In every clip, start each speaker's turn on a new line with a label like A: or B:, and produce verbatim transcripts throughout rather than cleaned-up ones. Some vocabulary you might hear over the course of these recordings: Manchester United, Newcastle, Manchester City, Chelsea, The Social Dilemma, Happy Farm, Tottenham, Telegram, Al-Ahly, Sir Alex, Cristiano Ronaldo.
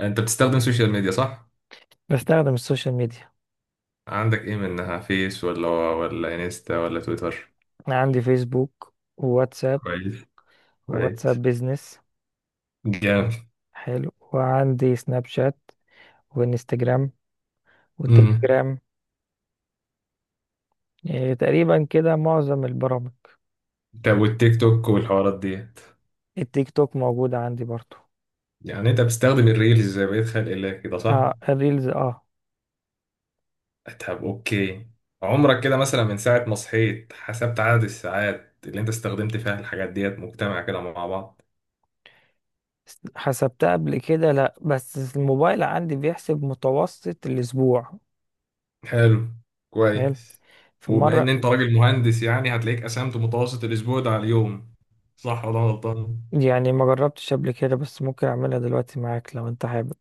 A: انت بتستخدم سوشيال ميديا صح؟
B: بستخدم السوشيال ميديا.
A: عندك ايه منها فيس ولا ولا انستا ولا تويتر.
B: انا عندي فيسبوك وواتساب.
A: كويس. كويس.
B: وواتساب بيزنس.
A: جامد.
B: حلو، وعندي سناب شات، وانستجرام،
A: امم
B: والتليجرام. إيه تقريبا كده معظم البرامج.
A: طب والتيك توك والحوارات ديت؟
B: التيك توك موجودة عندي برضو.
A: يعني انت بتستخدم الريلز زي بقية خلق الله كده صح؟
B: اه، الريلز، اه.
A: طب اوكي. عمرك كده مثلا من ساعة ما صحيت حسبت عدد الساعات اللي انت استخدمت فيها الحاجات ديت مجتمع كده مع بعض؟
B: س- حسبتها قبل كده، لا، بس الموبايل عندي بيحسب متوسط الاسبوع.
A: حلو.
B: حلو.
A: كويس.
B: في
A: وبما ان
B: مرة.
A: انت راجل مهندس يعني هتلاقيك قسمت متوسط الاسبوع ده على اليوم، صح ولا أنا غلطان؟
B: يعني ما جربتش قبل كده، بس ممكن اعملها دلوقتي معاك لو انت حابب.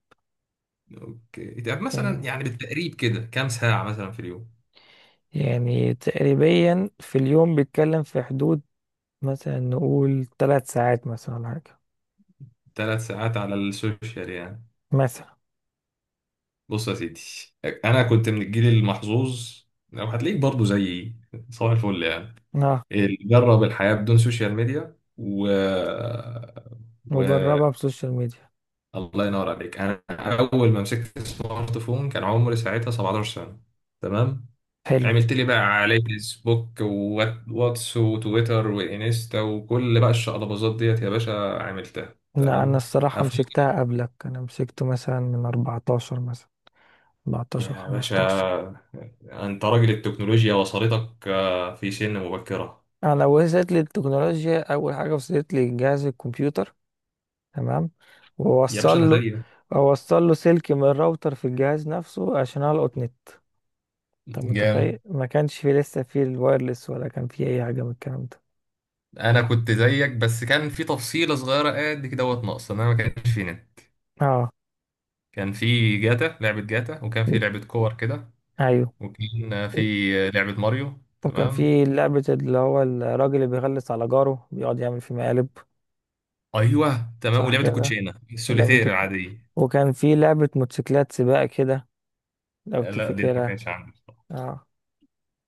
A: اوكي، طب مثلا
B: يعني
A: يعني بالتقريب كده كام ساعة مثلا في اليوم؟
B: يعني تقريبا في اليوم بيتكلم في حدود، مثلا نقول ثلاث ساعات، مثلا، ولا حاجة.
A: ثلاث ساعات على السوشيال يعني.
B: مثلا.
A: بص يا سيدي، انا كنت من الجيل المحظوظ. لو هتلاقيك برضه زيي، صباح الفل يعني.
B: اه.
A: اللي جرب الحياة بدون سوشيال ميديا و... و
B: وجربها بسوشيال ميديا.
A: الله ينور عليك. انا اول ما مسكت السمارت فون كان عمري ساعتها سبعة عشر سنة، تمام.
B: حلو.
A: عملت لي بقى على فيسبوك وواتس وتويتر وانستا وكل بقى الشقلباظات ديت يا باشا، عملتها
B: لا، انا
A: تمام.
B: الصراحة
A: أفوق
B: مسكتها قبلك، انا مسكته مثلا من أربعتاشر، مثلا. أربعتاشر،
A: يا باشا،
B: خمستاشر.
A: انت راجل التكنولوجيا وصلتك آه، في سن مبكرة.
B: انا وصلت لي التكنولوجيا، اول حاجة وصلت لي جهاز الكمبيوتر. تمام.
A: يا
B: ووصل
A: باشا انا
B: له.
A: زيك.
B: اوصل له سلك من الراوتر في الجهاز نفسه عشان القط نت. انت
A: جامد.
B: متخيل ما كانش في لسه في الوايرلس، ولا كان في اي حاجة من الكلام ده؟
A: انا كنت زيك بس كان في تفصيله صغيره قد كده دوت ناقصه، ان انا ما كانش في نت.
B: اه.
A: كان في جاتا، لعبه جاتا، وكان في لعبه كور كده،
B: ايوه.
A: وكان في لعبه ماريو
B: وكان
A: تمام.
B: في لعبة اللي هو الراجل اللي بيغلس على جاره بيقعد يعمل فيه مقالب.
A: ايوه تمام،
B: صح
A: ولعبه
B: كده.
A: الكوتشينه
B: ولعبة
A: السوليتير
B: الك-
A: العاديه.
B: وكان في لعبة موتوسيكلات سباق كده، لو
A: آه، لا دي ما
B: تفتكرها.
A: كانش عندي بصراحة.
B: اه.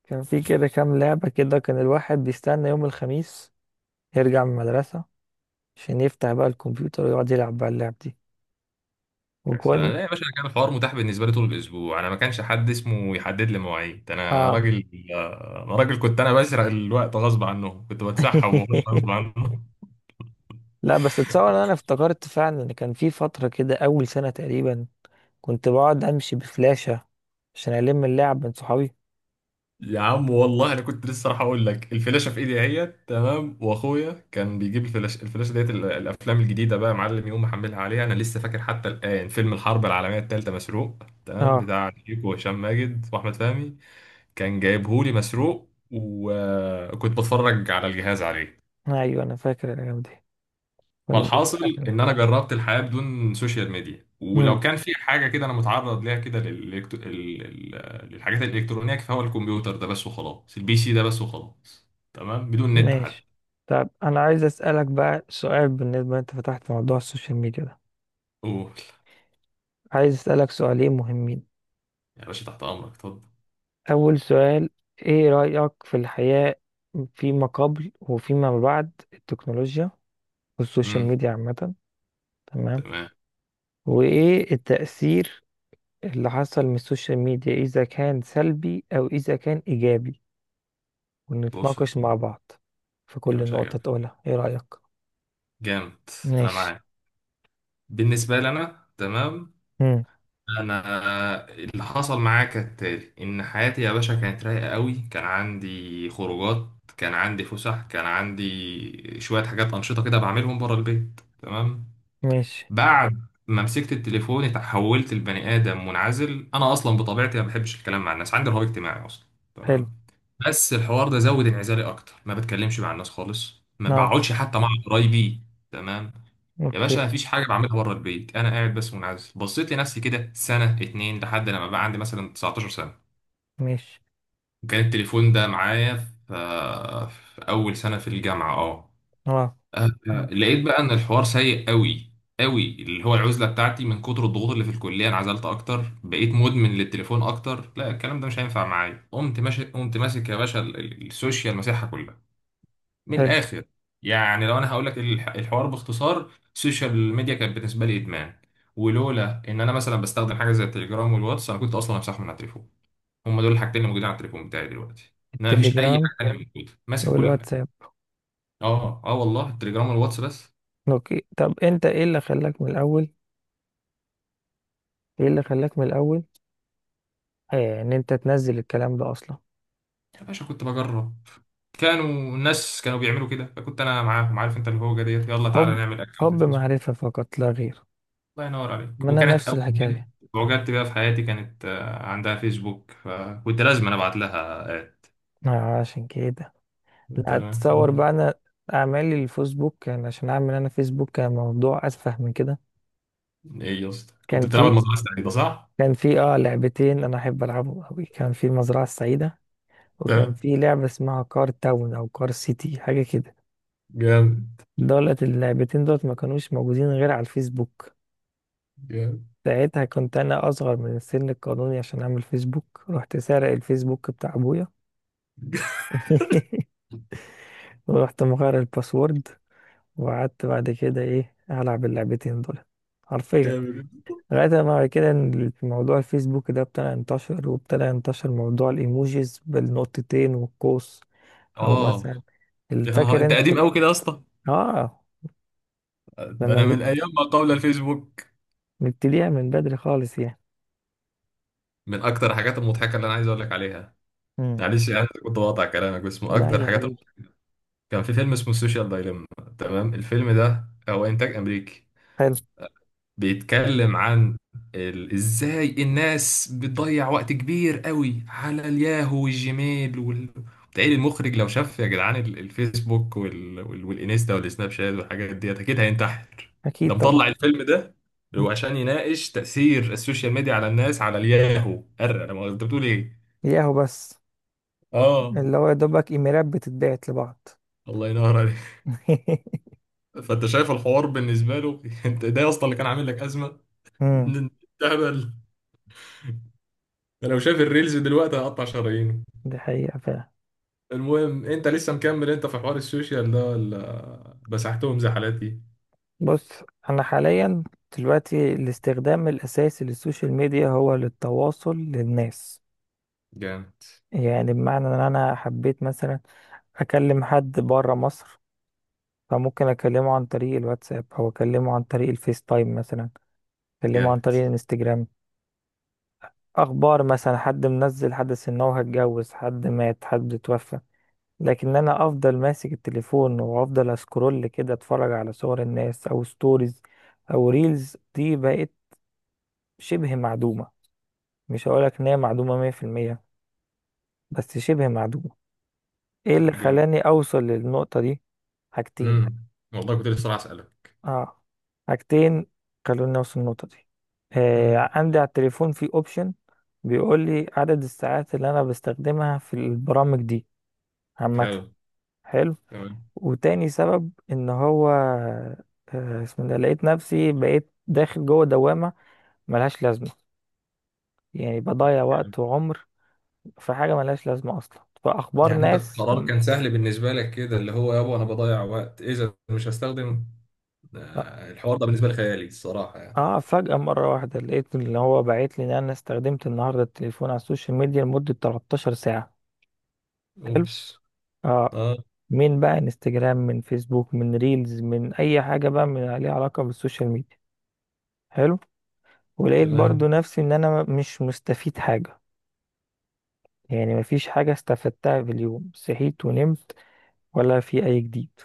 B: كان في كده كام لعبة كده، كان الواحد بيستنى يوم الخميس يرجع من المدرسة عشان يفتح بقى الكمبيوتر ويقعد يلعب بقى اللعب دي.
A: بس انا
B: وكون.
A: لا يا باشا، أنا كان الحوار متاح بالنسبه لي طول الاسبوع، انا ما كانش حد اسمه يحدد لي مواعيد. انا
B: اه.
A: راجل انا راجل كنت انا بسرق الوقت غصب عنه، كنت بتسحب وبخش غصب عنه.
B: لا بس اتصور ان انا افتكرت فعلا ان كان في فترة كده اول سنة تقريبا كنت بقعد امشي بفلاشة عشان الم اللعب من صحابي.
A: يا عم والله انا كنت لسه راح اقول لك الفلاشه في ايدي اهيت تمام، واخويا كان بيجيب الفلاشه، الفلاشه ديت ال- الافلام الجديده بقى يا معلم يقوم محملها عليها. انا لسه فاكر حتى الان فيلم الحرب العالميه الثالثه مسروق تمام،
B: اه.
A: بتاع شيكو وهشام ماجد واحمد فهمي، كان جايبهولي مسروق وكنت بتفرج على الجهاز عليه.
B: ايوه انا فاكر الايام دي. كنا
A: فالحاصل
B: بنسرق اكل.
A: ان انا جربت الحياه بدون سوشيال ميديا، ولو
B: امم.
A: كان في حاجه كده انا متعرض ليها كده للإلكت- ال- ال- للحاجات الالكترونيه، فهو الكمبيوتر ده بس وخلاص، البي سي ده بس وخلاص. تمام بدون نت
B: ماشي.
A: حتى.
B: طب انا عايز اسالك بقى سؤال، بالنسبه انت فتحت موضوع السوشيال ميديا ده.
A: اوه.
B: عايز اسالك سؤالين مهمين.
A: يا باشا تحت امرك، اتفضل.
B: اول سؤال، ايه رايك في الحياه فيما قبل وفيما بعد التكنولوجيا والسوشيال
A: امم
B: ميديا عامه؟ تمام.
A: تمام.
B: وايه التاثير اللي حصل من السوشيال ميديا، اذا كان سلبي او اذا كان ايجابي؟
A: بص يا
B: ونتناقش
A: سيدي.
B: مع بعض في
A: يا
B: كل
A: باشا
B: نقطه
A: جامد.
B: تقولها ايه رايك.
A: جامد. انا
B: ماشي.
A: معاك. بالنسبه لي انا تمام. انا اللي حصل معايا كالتالي، ان حياتي يا باشا كانت رايقه قوي، كان عندي خروجات، كان عندي فسح، كان عندي شويه حاجات انشطه كده بعملهم بره البيت تمام.
B: ماشي.
A: بعد ما مسكت التليفون اتحولت لبني ادم منعزل. انا اصلا بطبيعتي ما بحبش الكلام مع الناس، عندي رهاب اجتماعي اصلا،
B: حلو.
A: تمام. بس الحوار ده زود انعزالي اكتر، ما بتكلمش مع الناس خالص، ما
B: نعم.
A: بقعدش حتى مع قرايبي، تمام. يا
B: اوكي.
A: باشا مفيش حاجه بعملها بره البيت، انا قاعد بس منعزل، بصيت لنفسي كده سنه اتنين لحد لما بقى عندي مثلا تسعتاشر سنه.
B: ماشي.
A: كان التليفون ده معايا في, في اول سنه في الجامعه، اه.
B: نعم.
A: آه،
B: مم.
A: لقيت بقى ان الحوار سيء قوي قوي، اللي هو العزله بتاعتي من كتر الضغوط اللي في الكليه انعزلت اكتر، بقيت مدمن للتليفون اكتر. لا الكلام ده مش هينفع معايا، قمت ماشي قمت ماسك يا باشا ال- ال- السوشيال مساحه كلها. من
B: حلو.
A: الاخر يعني لو انا هقول لك الح- الحوار باختصار، السوشيال ميديا كانت بالنسبه لي ادمان. ولولا ان انا مثلا بستخدم حاجه زي التليجرام والواتس انا كنت اصلا همسحهم من على التليفون. هم دول الحاجتين اللي موجودين على التليفون بتاعي دلوقتي. انا مفيش اي
B: التليجرام
A: حاجه تانيه موجوده، ماسح كل حاجه.
B: والواتساب.
A: اه اه والله التليجرام والواتس بس.
B: اوكي، طب انت ايه اللي خلاك من الاول؟ ايه اللي خلاك من الاول آه ان انت تنزل الكلام ده اصلا؟
A: يا باشا كنت بجرب. كانوا الناس كانوا بيعملوا كده، فكنت انا معاهم، عارف انت اللي هو ديت يلا تعالى
B: حب.
A: نعمل اكونت
B: حب
A: فيسبوك.
B: معرفة فقط لا غير.
A: الله ينور عليك.
B: ما انا
A: وكانت
B: نفس
A: اول بنت
B: الحكاية.
A: وجدت بيها في حياتي كانت، آه، عندها فيسبوك، فكنت لازم انا ابعت لها، آه.
B: آه، عشان كده. لا،
A: تمام، طب،
B: تصور بقى، انا اعمالي الفيسبوك كان عشان اعمل، انا فيسبوك كان موضوع اسفه من كده.
A: ايه يا اسطى كنت
B: كان
A: بتلعب
B: في.
A: المزرعه السعيده صح؟
B: كان في اه لعبتين انا احب العبهم قوي. كان في المزرعة السعيدة، وكان
A: تمام.
B: في لعبة اسمها كار تاون أو كار سيتي، حاجة كده.
A: جامد.
B: دولت اللعبتين دولت ما كانوش موجودين غير على الفيسبوك.
A: جامد.
B: ساعتها كنت أنا أصغر من السن القانوني عشان أعمل فيسبوك، رحت سارق الفيسبوك بتاع أبويا. ورحت مغير الباسورد، وقعدت بعد كده إيه ألعب اللعبتين دول، حرفيا،
A: جامد.
B: لغاية ما بعد كده إن موضوع الفيسبوك ده ابتدى ينتشر، وابتدى ينتشر موضوع الإيموجيز بالنقطتين والقوس، أو مثلا.
A: اه. يا نهار
B: فاكر
A: انت
B: أنت.
A: قديم قوي كده يا اسطى،
B: اه.
A: ده انا
B: لما
A: من ايام ما قبل الفيسبوك.
B: نبتديها من بدري خالص يعني.
A: من اكتر الحاجات المضحكه اللي انا عايز اقول لك عليها،
B: امم.
A: معلش يعني كنت بقطع كلامك، بس من
B: لا
A: اكتر
B: يا
A: الحاجات،
B: حبيبي.
A: كان في فيلم اسمه السوشيال دايليما، تمام. الفيلم ده هو انتاج امريكي،
B: حلو.
A: بيتكلم عن ال... ازاي الناس بتضيع وقت كبير قوي على الياهو والجيميل وال... تقريبا المخرج لو شاف يا جدعان ال- الفيسبوك وال... وال... والانستا والسناب شات والحاجات ديت اكيد هينتحر. ده
B: اكيد
A: مطلع
B: طبعا.
A: الفيلم ده،
B: مم.
A: هو عشان يناقش تأثير السوشيال ميديا على الناس على الياهو، أرى انا ما انت بتقول ايه.
B: ياهو بس.
A: اه
B: اللي هو يا دوبك ايميلات بتتبعت لبعض.
A: الله ينور عليك. فانت شايف الحوار بالنسبه له، انت ده اصلا اللي كان عامل لك ازمه.
B: امم.
A: إن- إن- تهبل. ده لو شاف الريلز دلوقتي هقطع شرايينه.
B: دي حقيقة فعلا.
A: المهم انت لسه مكمل انت في حوار السوشيال ده ولا مسحتهم زحلاتي؟
B: بص. أنا حاليا دلوقتي الاستخدام الأساسي للسوشيال ميديا هو للتواصل للناس.
A: جامد.
B: يعني بمعنى إن أنا حبيت مثلا أكلم حد برا مصر، فممكن أكلمه عن طريق الواتساب، أو أكلمه عن طريق الفيس تايم مثلا، أكلمه عن
A: جامد.
B: طريق الانستجرام. اخبار مثلا حد منزل حدث ان هو هيتجوز، حد مات، حد اتوفى. لكن انا افضل ماسك التليفون وافضل اسكرول كده، اتفرج على صور الناس او ستوريز، او ريلز، دي بقت شبه معدومة. مش هقولك ان هي معدومة مية في المية، بس شبه معدومة. ايه اللي
A: جامد.
B: خلاني اوصل للنقطة دي؟ حاجتين.
A: امم والله كنت لسه راح اسالك.
B: اه. حاجتين خلوني اوصل للنقطة دي.
A: امم.
B: آه، عندي على التليفون في اوبشن بيقول لي عدد الساعات اللي انا بستخدمها في البرامج دي
A: حلو.
B: عامة. حلو.
A: تمام.
B: وتاني سبب ان هو، آه، اسمه ده، لقيت نفسي بقيت داخل جوه دوامة ملهاش لازمة. يعني بضيع وقت وعمر في حاجة ملهاش لازمة اصلا، فاخبار
A: يعني انت
B: ناس
A: القرار
B: م-
A: كان سهل بالنسبه لك كده، اللي هو يابا انا بضيع وقت اذا مش هستخدم. آه، الحوار ده بالنسبه لي خيالي الصراحه يعني.
B: اه، فجأة مرة واحدة لقيت اللي هو بعت لي ان انا استخدمت النهاردة التليفون على السوشيال ميديا لمدة تلتاشر ساعة. حلو.
A: اوبس.
B: اه.
A: اه.
B: من بقى انستجرام، من فيسبوك، من ريلز، من اي حاجة بقى من ليها علاقة بالسوشيال ميديا. حلو. ولقيت برضو
A: تمام.
B: نفسي ان انا مش مستفيد حاجة، يعني مفيش حاجة استفدتها في اليوم صحيت ونمت، ولا في أي جديد.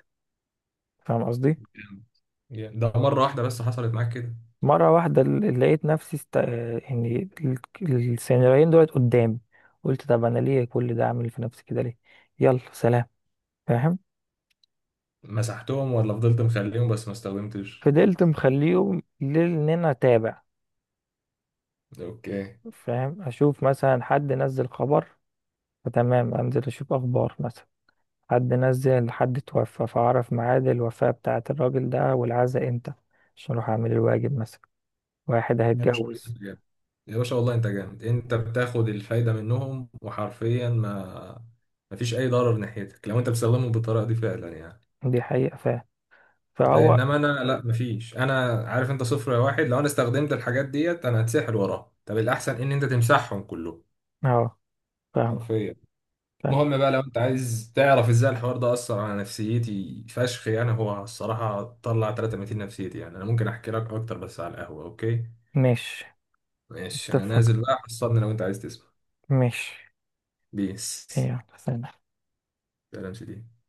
B: فاهم قصدي؟
A: جامد. جامد. ده مره واحده بس حصلت معاك كده؟
B: مرة واحدة، ل- لقيت نفسي است... آه، يعني ال- السيناريوهين دولت قدامي. قلت طب أنا ليه كل ده؟ أعمل في نفسي كده ليه؟ يلا سلام. فاهم؟
A: مسحتهم ولا فضلت مخليهم بس ما استخدمتش؟
B: فضلت مخليهم لأن أنا أتابع.
A: اوكي.
B: فاهم؟ أشوف مثلا حد نزل خبر، فتمام أنزل أشوف أخبار مثلا، حد نزل، حد توفى فأعرف ميعاد الوفاة بتاعة الراجل ده والعزاء إمتى، عشان أروح أعمل الواجب مثلا. واحد
A: يا باشا والله
B: هيتجوز.
A: انت جامد. يا باشا والله انت جامد، انت بتاخد الفايده منهم وحرفيا ما ما فيش اي ضرر ناحيتك لو انت بتستخدمهم بالطريقه دي فعلا يعني.
B: دي حقيقة فاهم.
A: لا
B: فهو.
A: انما انا لا ما فيش، انا عارف انت صفر يا واحد، لو انا استخدمت الحاجات ديت انا هتسحل وراها، طب الاحسن ان انت تمسحهم كلهم
B: اه. فاهم.
A: حرفيا.
B: فاهم.
A: المهم بقى لو انت عايز تعرف ازاي الحوار ده اثر على نفسيتي فشخ، يعني هو الصراحه طلع تلتمية نفسيتي، يعني انا ممكن احكي لك اكتر بس على القهوه، اوكي؟
B: مش.
A: ماشي انا
B: اتفق.
A: نازل بقى، حصلني لو انت عايز تسمع.
B: مش.
A: بيس.
B: يلا سلام.
A: لا لا مش دي.